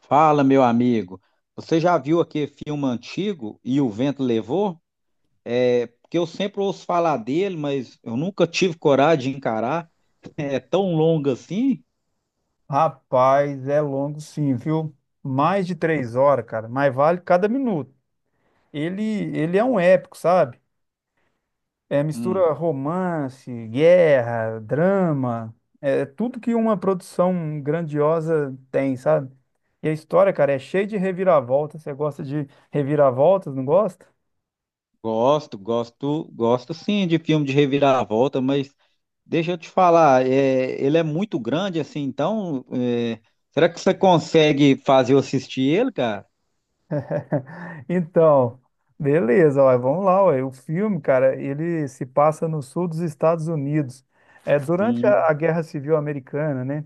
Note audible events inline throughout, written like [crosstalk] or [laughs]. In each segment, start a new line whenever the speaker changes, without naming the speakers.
Fala, meu amigo. Você já viu aquele filme antigo E o Vento Levou? É, porque eu sempre ouço falar dele, mas eu nunca tive coragem de encarar. [laughs] É tão longo assim?
Rapaz, é longo sim, viu? Mais de 3 horas, cara, mas vale cada minuto. Ele, ele é um épico, sabe? É
Hum,
mistura romance, guerra, drama, é tudo que uma produção grandiosa tem, sabe? E a história, cara, é cheia de reviravoltas. Você gosta de reviravoltas, não gosta?
gosto, gosto, gosto sim de filme de reviravolta, mas deixa eu te falar, ele é muito grande assim, será que você consegue fazer eu assistir ele, cara?
Então, beleza, ó, vamos lá, ó. O filme, cara, ele se passa no sul dos Estados Unidos. É durante a
Hum,
Guerra Civil Americana, né?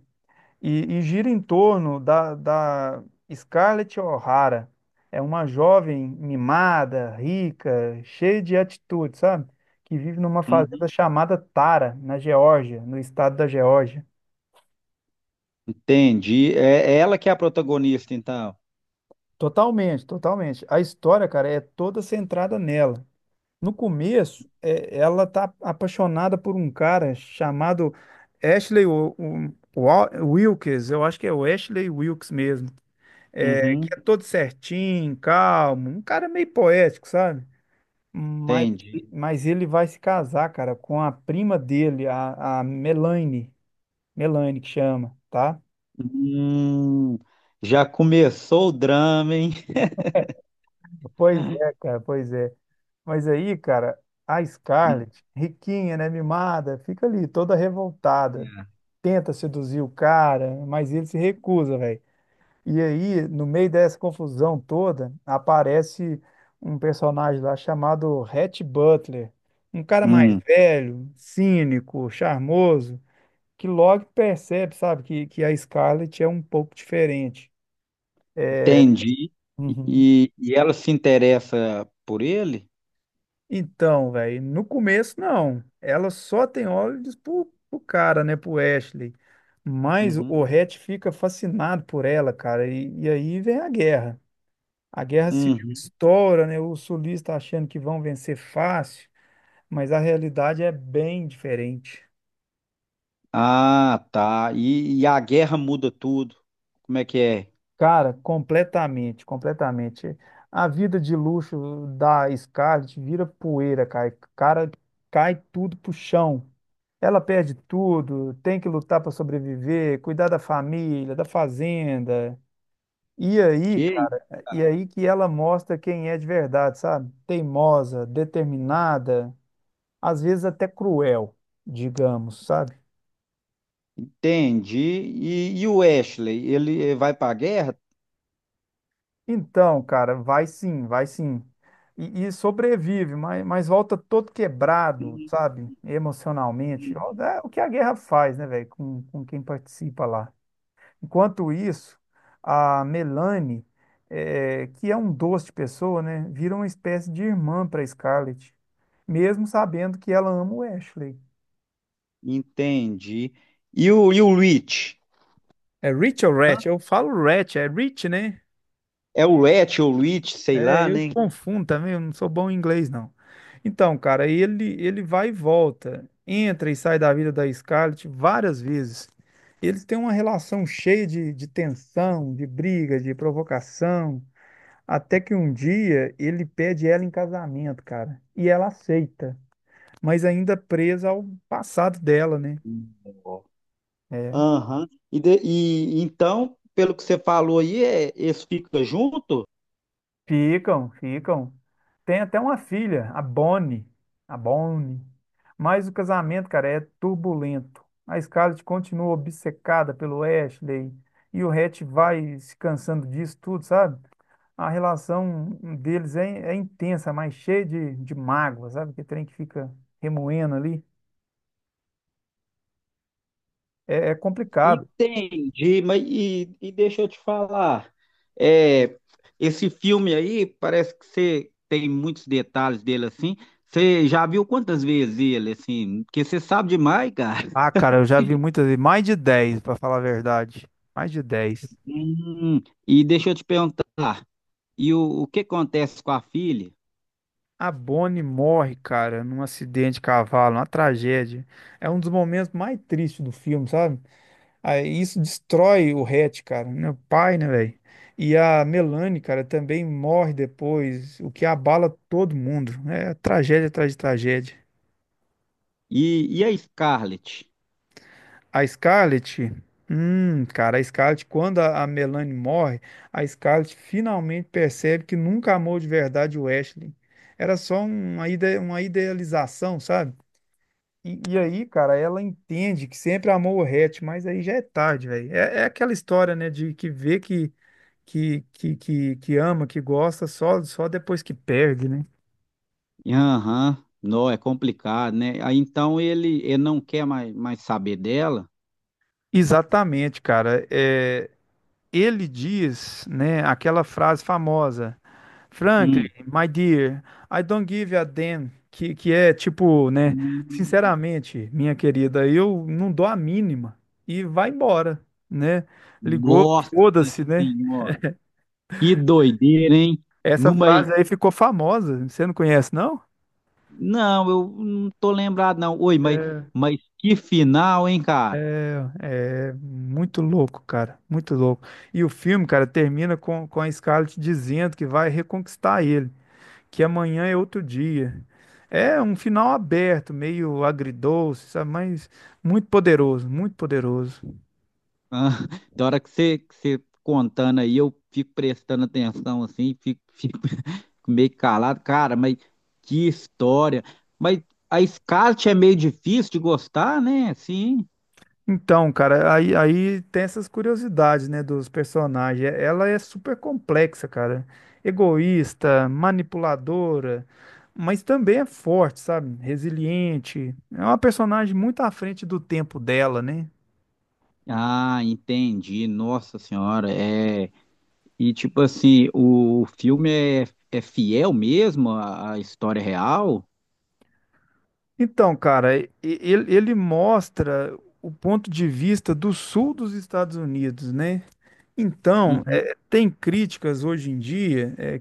E gira em torno da Scarlett O'Hara. É uma jovem mimada, rica, cheia de atitude, sabe? Que vive numa
uhum,
fazenda chamada Tara, na Geórgia, no estado da Geórgia.
entendi. É, ela que é a protagonista, então.
Totalmente, totalmente. A história, cara, é toda centrada nela. No começo, é, ela tá apaixonada por um cara chamado Ashley Wilkes, eu acho que é o Ashley Wilkes mesmo. É, que
Uhum,
é todo certinho, calmo, um cara meio poético, sabe? Mas,
entendi.
mas ele vai se casar, cara, com a prima dele, a Melanie, Melanie que chama, tá?
Hum, já começou o drama, hein?
Pois é,
[laughs]
cara, pois é. Mas aí, cara, a
Hum,
Scarlett, riquinha, né, mimada, fica ali toda revoltada,
é.
tenta seduzir o cara, mas ele se recusa, velho. E aí, no meio dessa confusão toda, aparece um personagem lá chamado Rhett Butler, um cara mais
Hum,
velho, cínico, charmoso, que logo percebe, sabe, que a Scarlett é um pouco diferente.
entendi.
Uhum.
E ela se interessa por ele?
Então, velho, no começo não. Ela só tem olhos pro cara, né, pro Ashley. Mas o
Uhum.
Rhett fica fascinado por ela, cara, e aí vem a guerra. A guerra civil
Uhum.
estoura, né? Os sulistas tá achando que vão vencer fácil, mas a realidade é bem diferente.
Ah, tá. E a guerra muda tudo. Como é que é?
Cara, completamente, completamente. A vida de luxo da Scarlett vira poeira, cara. Cara, cai tudo pro chão. Ela perde tudo, tem que lutar para sobreviver, cuidar da família, da fazenda. E aí,
Que?
cara, e aí que ela mostra quem é de verdade, sabe? Teimosa, determinada. Às vezes até cruel, digamos, sabe?
Entendi. E o Ashley, ele vai para a guerra?
Então, cara, vai sim, vai sim. E sobrevive, mas volta todo quebrado,
Uhum.
sabe? Emocionalmente. Ó, é o que a guerra faz, né, velho? Com quem participa lá. Enquanto isso, a Melanie, é, que é um doce de pessoa, né? Vira uma espécie de irmã para Scarlett, mesmo sabendo que ela ama o Ashley.
Entendi. E o Rich?
É Rich ou Ratch? Eu falo Ratch, é Rich, né?
É o Rhett ou Rich, sei
É,
lá,
eu
né?
confundo também, eu não sou bom em inglês, não. Então, cara, ele vai e volta, entra e sai da vida da Scarlett várias vezes. Eles têm uma relação cheia de tensão, de briga, de provocação, até que um dia ele pede ela em casamento, cara, e ela aceita, mas ainda presa ao passado dela, né?
Hum.
É,
Aham. E então, pelo que você falou aí, eles ficam junto?
ficam, ficam. Tem até uma filha, a Bonnie. A Bonnie. Mas o casamento, cara, é turbulento. A Scarlett continua obcecada pelo Ashley e o Hatch vai se cansando disso tudo, sabe? A relação deles é intensa, mas cheia de mágoa, sabe? Que trem que fica remoendo ali. É, é complicado.
Entendi, mas e deixa eu te falar, é, esse filme aí parece que você tem muitos detalhes dele assim. Você já viu quantas vezes ele assim? Porque você sabe demais, cara.
Ah, cara, eu já vi muitas vezes, mais de 10, pra falar a verdade. Mais de 10.
Hum, e deixa eu te perguntar, e o que acontece com a filha?
A Bonnie morre, cara, num acidente de cavalo, uma tragédia. É um dos momentos mais tristes do filme, sabe? Aí isso destrói o Hatch, cara, meu pai, né, velho? E a Melanie, cara, também morre depois, o que abala todo mundo. É tragédia atrás de tragédia.
E a Scarlett?
A Scarlett, cara, a Scarlett, quando a Melanie morre, a Scarlett finalmente percebe que nunca amou de verdade o Ashley. Era só uma idealização, sabe? E aí, cara, ela entende que sempre amou o Hatch, mas aí já é tarde, velho. É, é aquela história, né, de que vê que, que ama, que gosta, só depois que perde, né?
Aham. Não, é complicado, né? Aí então ele não quer mais saber dela.
Exatamente, cara. É, ele diz, né, aquela frase famosa, Franklin,
Hum.
my dear, I don't give a damn, que é tipo, né,
Hum.
sinceramente, minha querida, eu não dou a mínima. E vai embora, né? Ligou,
Nossa
foda-se, né?
Senhora, que doideira, hein?
Essa
Não, mas,
frase aí ficou famosa. Você não conhece, não?
não, eu não tô lembrado, não. Oi, mas que final, hein, cara?
É muito louco, cara. Muito louco. E o filme, cara, termina com a Scarlett dizendo que vai reconquistar ele, que amanhã é outro dia. É um final aberto, meio agridoce, sabe? Mas muito poderoso, muito poderoso.
Ah, [laughs] da hora que você contando aí, eu fico prestando atenção assim, fico, fico [laughs] meio calado. Cara, mas que história. Mas a Scarlett é meio difícil de gostar, né? Sim.
Então, cara, aí, aí tem essas curiosidades, né, dos personagens. É, ela é super complexa, cara. Egoísta, manipuladora, mas também é forte, sabe? Resiliente. É uma personagem muito à frente do tempo dela, né?
Ah, entendi. Nossa Senhora, é. E tipo assim, é fiel mesmo à, à história real?
Então, cara, ele mostra o ponto de vista do sul dos Estados Unidos, né? Então,
Uhum.
é, tem críticas hoje em dia, é,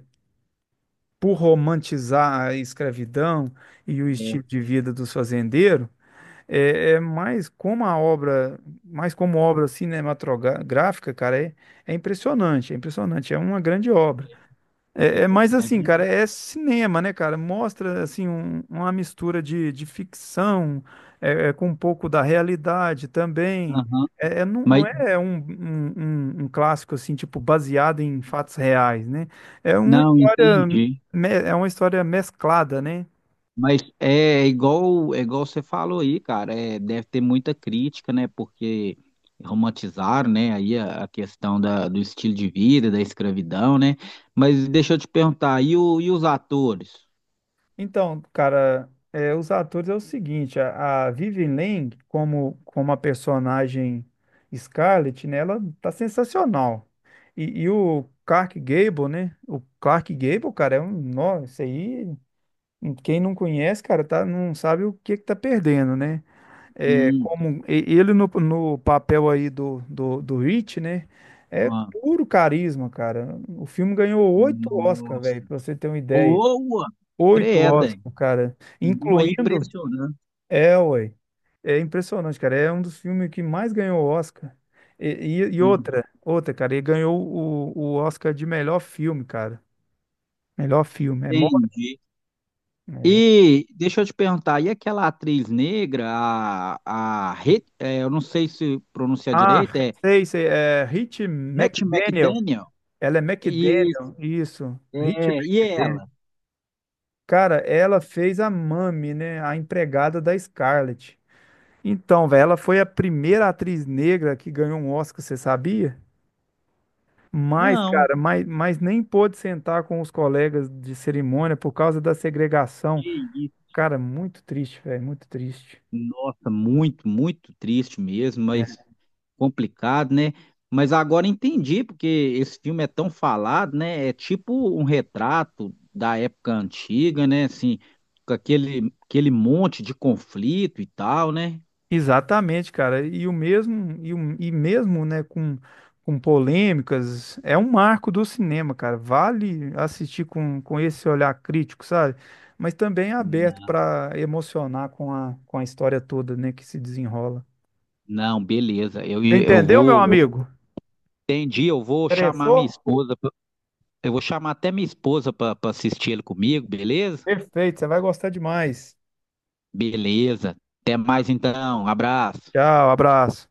por romantizar a escravidão e o estilo
É,
de vida dos fazendeiros. É, é mais como a obra, mais como obra cinematográfica, cara, é, é impressionante, é impressionante, é uma grande obra.
é,
É, é mais
é
assim, cara, é
verdade.
cinema, né, cara? Mostra, assim, uma mistura de ficção é, é, com um pouco da realidade também.
Aham.
É, é não,
Mas
não é um, um, um clássico, assim, tipo, baseado em fatos reais, né? É uma
não
história,
entendi.
é uma história mesclada, né?
Mas é igual você falou aí, cara. É, deve ter muita crítica, né? Porque romantizaram, né? Aí a questão da, do estilo de vida, da escravidão, né? Mas deixa eu te perguntar, e, o, e os atores?
Então, cara, é, os atores é o seguinte, a Vivien Leigh, como, como a personagem Scarlett, né, ela tá sensacional. E o Clark Gable, né, o Clark Gable, cara, é um, nossa, isso aí, quem não conhece, cara, tá, não sabe o que que tá perdendo, né? É,
Hum,
como ele no, no papel aí do, do Rich, né, é
ah,
puro carisma, cara. O filme ganhou 8 Oscar, velho,
nossa.
pra você ter uma ideia.
Boa,
Oito
credem.
Oscar, cara.
Boa,
Incluindo.
impressionante.
É, ué. É impressionante, cara. É um dos filmes que mais ganhou Oscar. E
Uhum.
outra, outra, cara. Ele ganhou o Oscar de melhor filme, cara. Melhor filme. É, mó-
Entendi.
é.
E deixa eu te perguntar, e aquela atriz negra, é, eu não sei se pronunciar
Ah,
direito, é
sei, sei. É Rich
Hattie
McDaniel.
McDaniel?
Ela é
E,
McDaniel, isso. Rich
é, e
McDaniel.
ela?
Cara, ela fez a Mami, né? A empregada da Scarlett. Então, velho, ela foi a primeira atriz negra que ganhou um Oscar, você sabia? Mas,
Não.
cara, mas nem pôde sentar com os colegas de cerimônia por causa da segregação. Cara, muito triste, velho, muito triste.
Nossa, muito, muito triste mesmo, mas
É.
complicado, né? Mas agora entendi porque esse filme é tão falado, né? É tipo um retrato da época antiga, né? Assim, com aquele, aquele monte de conflito e tal, né?
Exatamente, cara. E o mesmo, e, e mesmo, né, com polêmicas, é um marco do cinema, cara. Vale assistir com esse olhar crítico, sabe? Mas também é aberto para emocionar com a história toda, né, que se desenrola.
Não, beleza. Eu, eu
Entendeu, meu
vou, eu
amigo?
entendi, eu vou chamar minha
Interessou?
esposa, pra- eu vou chamar até minha esposa para assistir ele comigo, beleza?
Perfeito, você vai gostar demais.
Beleza. Até mais então. Abraço.
Tchau, abraço.